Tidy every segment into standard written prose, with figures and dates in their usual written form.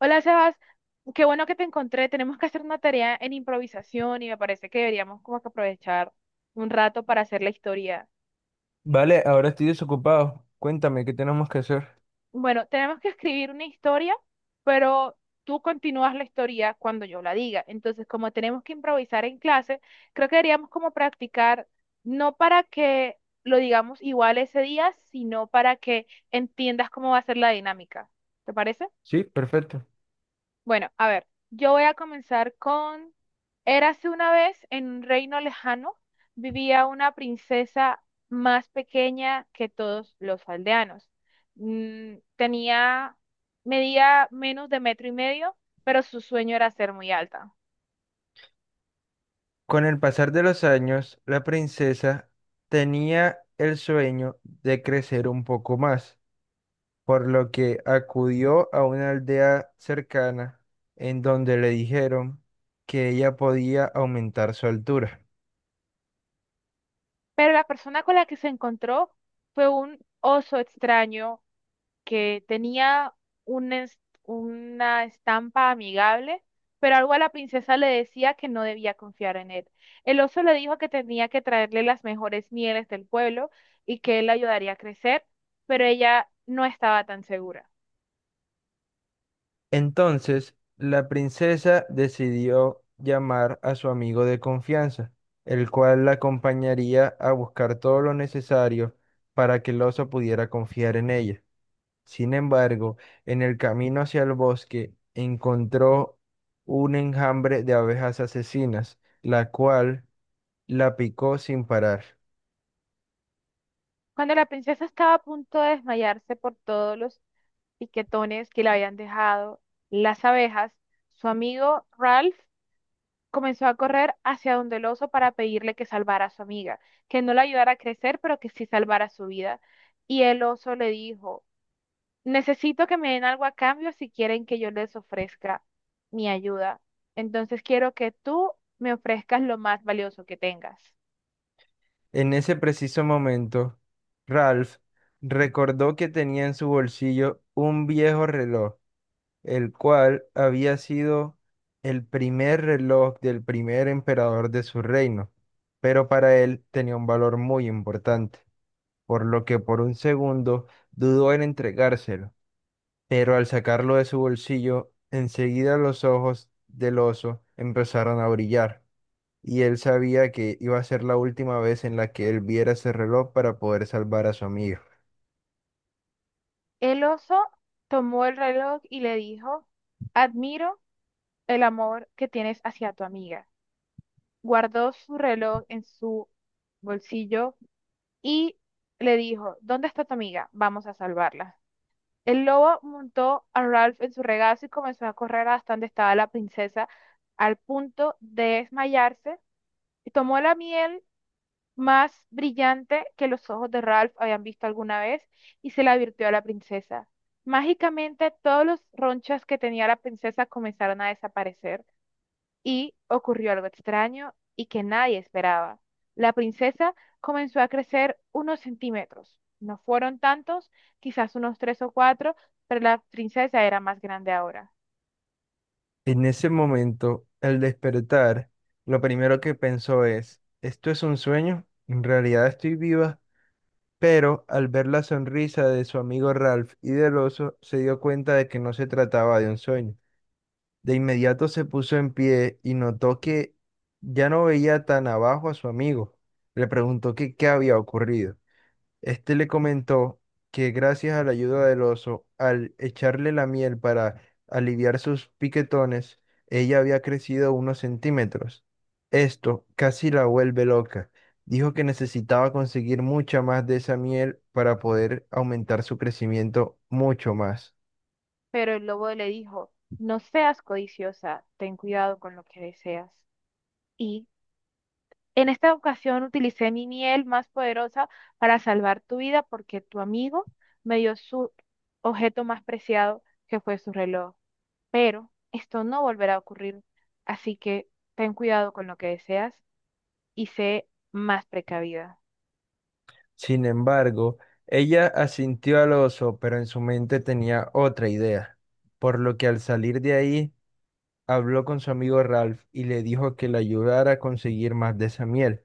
Hola, Sebas. Qué bueno que te encontré. Tenemos que hacer una tarea en improvisación y me parece que deberíamos como que aprovechar un rato para hacer la historia. Vale, ahora estoy desocupado. Cuéntame, ¿qué tenemos que hacer? Bueno, tenemos que escribir una historia, pero tú continúas la historia cuando yo la diga. Entonces, como tenemos que improvisar en clase, creo que deberíamos como practicar, no para que lo digamos igual ese día, sino para que entiendas cómo va a ser la dinámica. ¿Te parece? Sí, perfecto. Bueno, a ver, yo voy a comenzar con, érase una vez en un reino lejano, vivía una princesa más pequeña que todos los aldeanos. Tenía, medía menos de metro y medio, pero su sueño era ser muy alta. Con el pasar de los años, la princesa tenía el sueño de crecer un poco más, por lo que acudió a una aldea cercana en donde le dijeron que ella podía aumentar su altura. Pero la persona con la que se encontró fue un oso extraño que tenía un es- una estampa amigable, pero algo a la princesa le decía que no debía confiar en él. El oso le dijo que tenía que traerle las mejores mieles del pueblo y que él la ayudaría a crecer, pero ella no estaba tan segura. Entonces, la princesa decidió llamar a su amigo de confianza, el cual la acompañaría a buscar todo lo necesario para que el oso pudiera confiar en ella. Sin embargo, en el camino hacia el bosque encontró un enjambre de abejas asesinas, la cual la picó sin parar. Cuando la princesa estaba a punto de desmayarse por todos los piquetones que le habían dejado las abejas, su amigo Ralph comenzó a correr hacia donde el oso para pedirle que salvara a su amiga, que no la ayudara a crecer, pero que sí salvara su vida. Y el oso le dijo, necesito que me den algo a cambio si quieren que yo les ofrezca mi ayuda. Entonces quiero que tú me ofrezcas lo más valioso que tengas. En ese preciso momento, Ralph recordó que tenía en su bolsillo un viejo reloj el cual había sido el primer reloj del primer emperador de su reino, pero para él tenía un valor muy importante, por lo que por un segundo dudó en entregárselo, pero al sacarlo de su bolsillo, enseguida los ojos del oso empezaron a brillar, y él sabía que iba a ser la última vez en la que él viera ese reloj para poder salvar a su amigo. El oso tomó el reloj y le dijo, admiro el amor que tienes hacia tu amiga. Guardó su reloj en su bolsillo y le dijo, ¿dónde está tu amiga? Vamos a salvarla. El lobo montó a Ralph en su regazo y comenzó a correr hasta donde estaba la princesa, al punto de desmayarse, y tomó la miel más brillante que los ojos de Ralph habían visto alguna vez y se la virtió a la princesa. Mágicamente, todos los ronchas que tenía la princesa comenzaron a desaparecer y ocurrió algo extraño y que nadie esperaba. La princesa comenzó a crecer unos centímetros. No fueron tantos, quizás unos tres o cuatro, pero la princesa era más grande ahora. En ese momento, al despertar, lo primero que pensó es, ¿esto es un sueño? En realidad estoy viva, pero al ver la sonrisa de su amigo Ralph y del oso, se dio cuenta de que no se trataba de un sueño. De inmediato se puso en pie y notó que ya no veía tan abajo a su amigo. Le preguntó que qué había ocurrido. Este le comentó que gracias a la ayuda del oso, al echarle la miel para aliviar sus piquetones, ella había crecido unos centímetros. Esto casi la vuelve loca. Dijo que necesitaba conseguir mucha más de esa miel para poder aumentar su crecimiento mucho más. Pero el lobo le dijo, no seas codiciosa, ten cuidado con lo que deseas. Y en esta ocasión utilicé mi miel más poderosa para salvar tu vida porque tu amigo me dio su objeto más preciado, que fue su reloj. Pero esto no volverá a ocurrir, así que ten cuidado con lo que deseas y sé más precavida. Sin embargo, ella asintió al oso, pero en su mente tenía otra idea, por lo que al salir de ahí, habló con su amigo Ralph y le dijo que le ayudara a conseguir más de esa miel.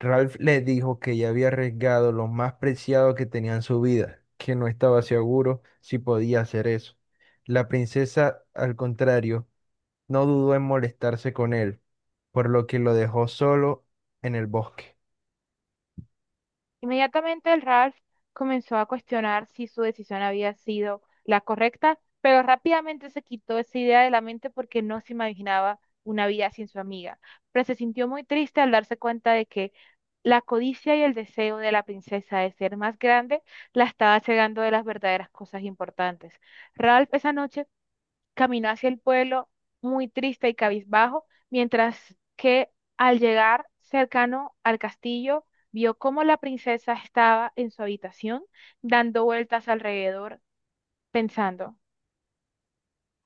Ralph le dijo que ya había arriesgado lo más preciado que tenía en su vida, que no estaba seguro si podía hacer eso. La princesa, al contrario, no dudó en molestarse con él, por lo que lo dejó solo en el bosque. Inmediatamente el Ralph comenzó a cuestionar si su decisión había sido la correcta, pero rápidamente se quitó esa idea de la mente porque no se imaginaba una vida sin su amiga, pero se sintió muy triste al darse cuenta de que la codicia y el deseo de la princesa de ser más grande la estaba cegando de las verdaderas cosas importantes. Ralph esa noche caminó hacia el pueblo muy triste y cabizbajo, mientras que al llegar cercano al castillo, vio cómo la princesa estaba en su habitación, dando vueltas alrededor, pensando.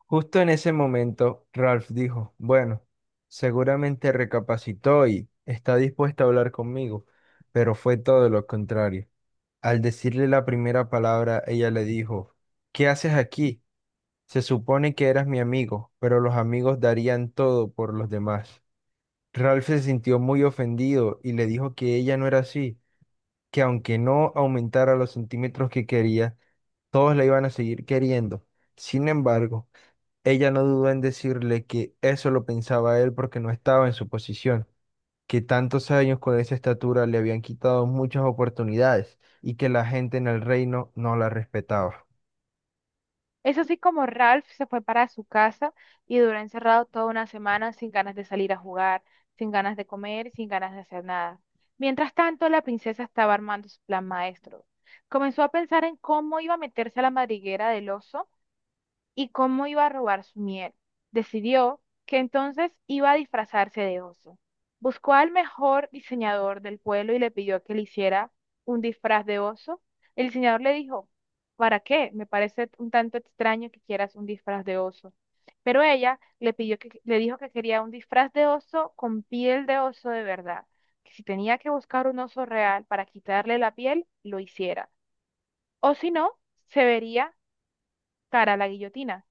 Justo en ese momento, Ralph dijo, bueno, seguramente recapacitó y está dispuesta a hablar conmigo, pero fue todo lo contrario. Al decirle la primera palabra, ella le dijo, ¿qué haces aquí? Se supone que eras mi amigo, pero los amigos darían todo por los demás. Ralph se sintió muy ofendido y le dijo que ella no era así, que aunque no aumentara los centímetros que quería, todos la iban a seguir queriendo. Sin embargo, ella no dudó en decirle que eso lo pensaba él porque no estaba en su posición, que tantos años con esa estatura le habían quitado muchas oportunidades y que la gente en el reino no la respetaba. Es así como Ralph se fue para su casa y duró encerrado toda una semana sin ganas de salir a jugar, sin ganas de comer, sin ganas de hacer nada. Mientras tanto, la princesa estaba armando su plan maestro. Comenzó a pensar en cómo iba a meterse a la madriguera del oso y cómo iba a robar su miel. Decidió que entonces iba a disfrazarse de oso. Buscó al mejor diseñador del pueblo y le pidió que le hiciera un disfraz de oso. El diseñador le dijo, ¿para qué? Me parece un tanto extraño que quieras un disfraz de oso. Pero ella le pidió que, le dijo que quería un disfraz de oso con piel de oso de verdad, que si tenía que buscar un oso real para quitarle la piel, lo hiciera. O si no, se vería cara a la guillotina.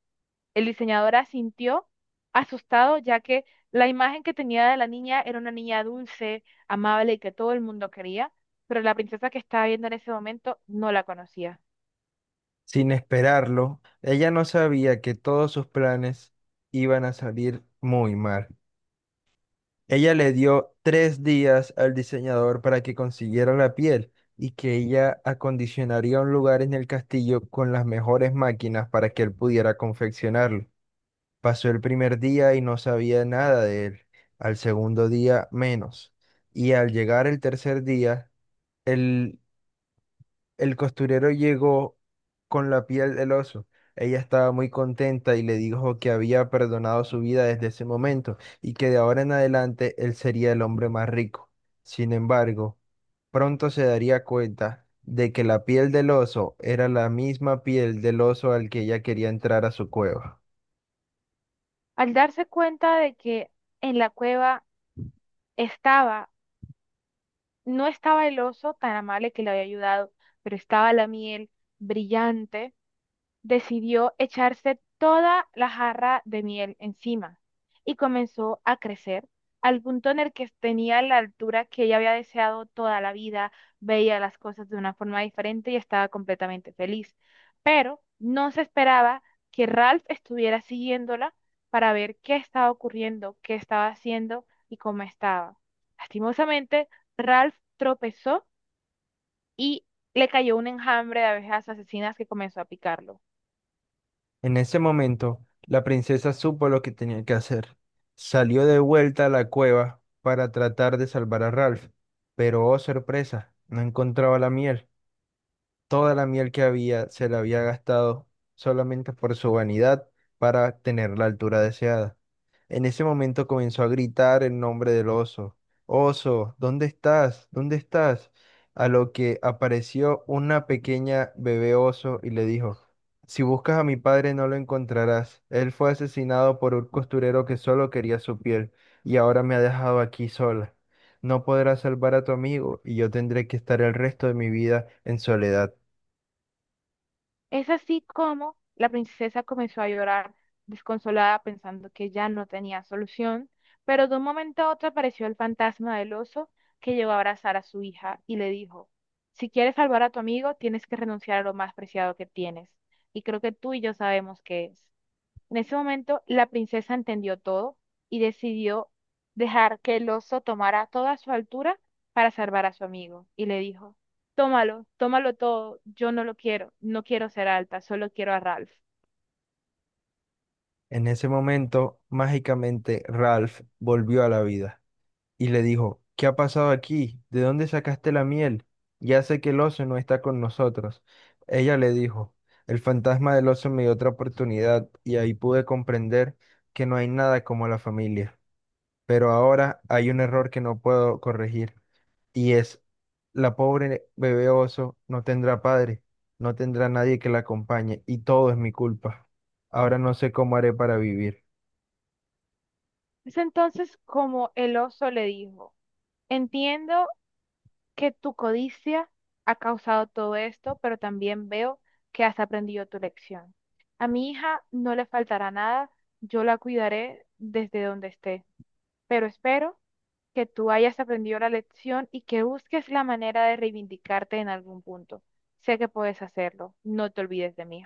El diseñador asintió, asustado, ya que la imagen que tenía de la niña era una niña dulce, amable y que todo el mundo quería, pero la princesa que estaba viendo en ese momento no la conocía. Sin esperarlo, ella no sabía que todos sus planes iban a salir muy mal. Ella le dio 3 días al diseñador para que consiguiera la piel y que ella acondicionaría un lugar en el castillo con las mejores máquinas para que él pudiera confeccionarlo. Pasó el primer día y no sabía nada de él. Al segundo día menos. Y al llegar el tercer día, el, el costurero llegó con la piel del oso. Ella estaba muy contenta y le dijo que había perdonado su vida desde ese momento y que de ahora en adelante él sería el hombre más rico. Sin embargo, pronto se daría cuenta de que la piel del oso era la misma piel del oso al que ella quería entrar a su cueva. Al darse cuenta de que en la cueva estaba, no estaba el oso tan amable que le había ayudado, pero estaba la miel brillante, decidió echarse toda la jarra de miel encima y comenzó a crecer al punto en el que tenía la altura que ella había deseado toda la vida, veía las cosas de una forma diferente y estaba completamente feliz. Pero no se esperaba que Ralph estuviera siguiéndola para ver qué estaba ocurriendo, qué estaba haciendo y cómo estaba. Lastimosamente, Ralph tropezó y le cayó un enjambre de abejas asesinas que comenzó a picarlo. En ese momento, la princesa supo lo que tenía que hacer. Salió de vuelta a la cueva para tratar de salvar a Ralph, pero oh sorpresa, no encontraba la miel. Toda la miel que había se la había gastado solamente por su vanidad para tener la altura deseada. En ese momento comenzó a gritar el nombre del oso. Oso, ¿dónde estás? ¿Dónde estás? A lo que apareció una pequeña bebé oso y le dijo, si buscas a mi padre no lo encontrarás. Él fue asesinado por un costurero que solo quería su piel y ahora me ha dejado aquí sola. No podrás salvar a tu amigo y yo tendré que estar el resto de mi vida en soledad. Es así como la princesa comenzó a llorar desconsolada pensando que ya no tenía solución, pero de un momento a otro apareció el fantasma del oso que llegó a abrazar a su hija y le dijo, si quieres salvar a tu amigo, tienes que renunciar a lo más preciado que tienes, y creo que tú y yo sabemos qué es. En ese momento, la princesa entendió todo y decidió dejar que el oso tomara toda su altura para salvar a su amigo. Y le dijo, tómalo, tómalo todo, yo no lo quiero, no quiero ser alta, solo quiero a Ralph. En ese momento, mágicamente, Ralph volvió a la vida y le dijo, ¿qué ha pasado aquí? ¿De dónde sacaste la miel? Ya sé que el oso no está con nosotros. Ella le dijo, el fantasma del oso me dio otra oportunidad y ahí pude comprender que no hay nada como la familia. Pero ahora hay un error que no puedo corregir y es, la pobre bebé oso no tendrá padre, no tendrá nadie que la acompañe y todo es mi culpa. Ahora no sé cómo haré para vivir. Es entonces como el oso le dijo, entiendo que tu codicia ha causado todo esto, pero también veo que has aprendido tu lección. A mi hija no le faltará nada, yo la cuidaré desde donde esté, pero espero que tú hayas aprendido la lección y que busques la manera de reivindicarte en algún punto. Sé que puedes hacerlo, no te olvides de mí.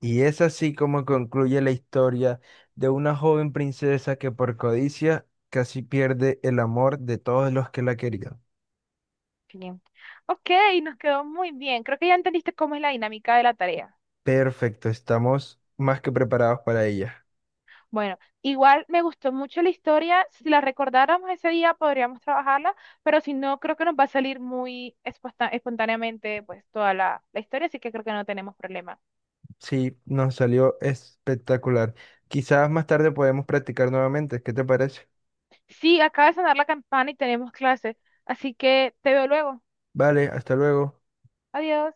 Y es así como concluye la historia de una joven princesa que por codicia casi pierde el amor de todos los que la querían. Bien. Ok, nos quedó muy bien. Creo que ya entendiste cómo es la dinámica de la tarea. Perfecto, estamos más que preparados para ella. Bueno, igual me gustó mucho la historia. Si la recordáramos ese día, podríamos trabajarla, pero si no, creo que nos va a salir muy espontáneamente pues toda la historia, así que creo que no tenemos problema. Sí, nos salió espectacular. Quizás más tarde podemos practicar nuevamente. ¿Qué te parece? Sí, acaba de sonar la campana y tenemos clase, así que te veo luego. Vale, hasta luego. Adiós.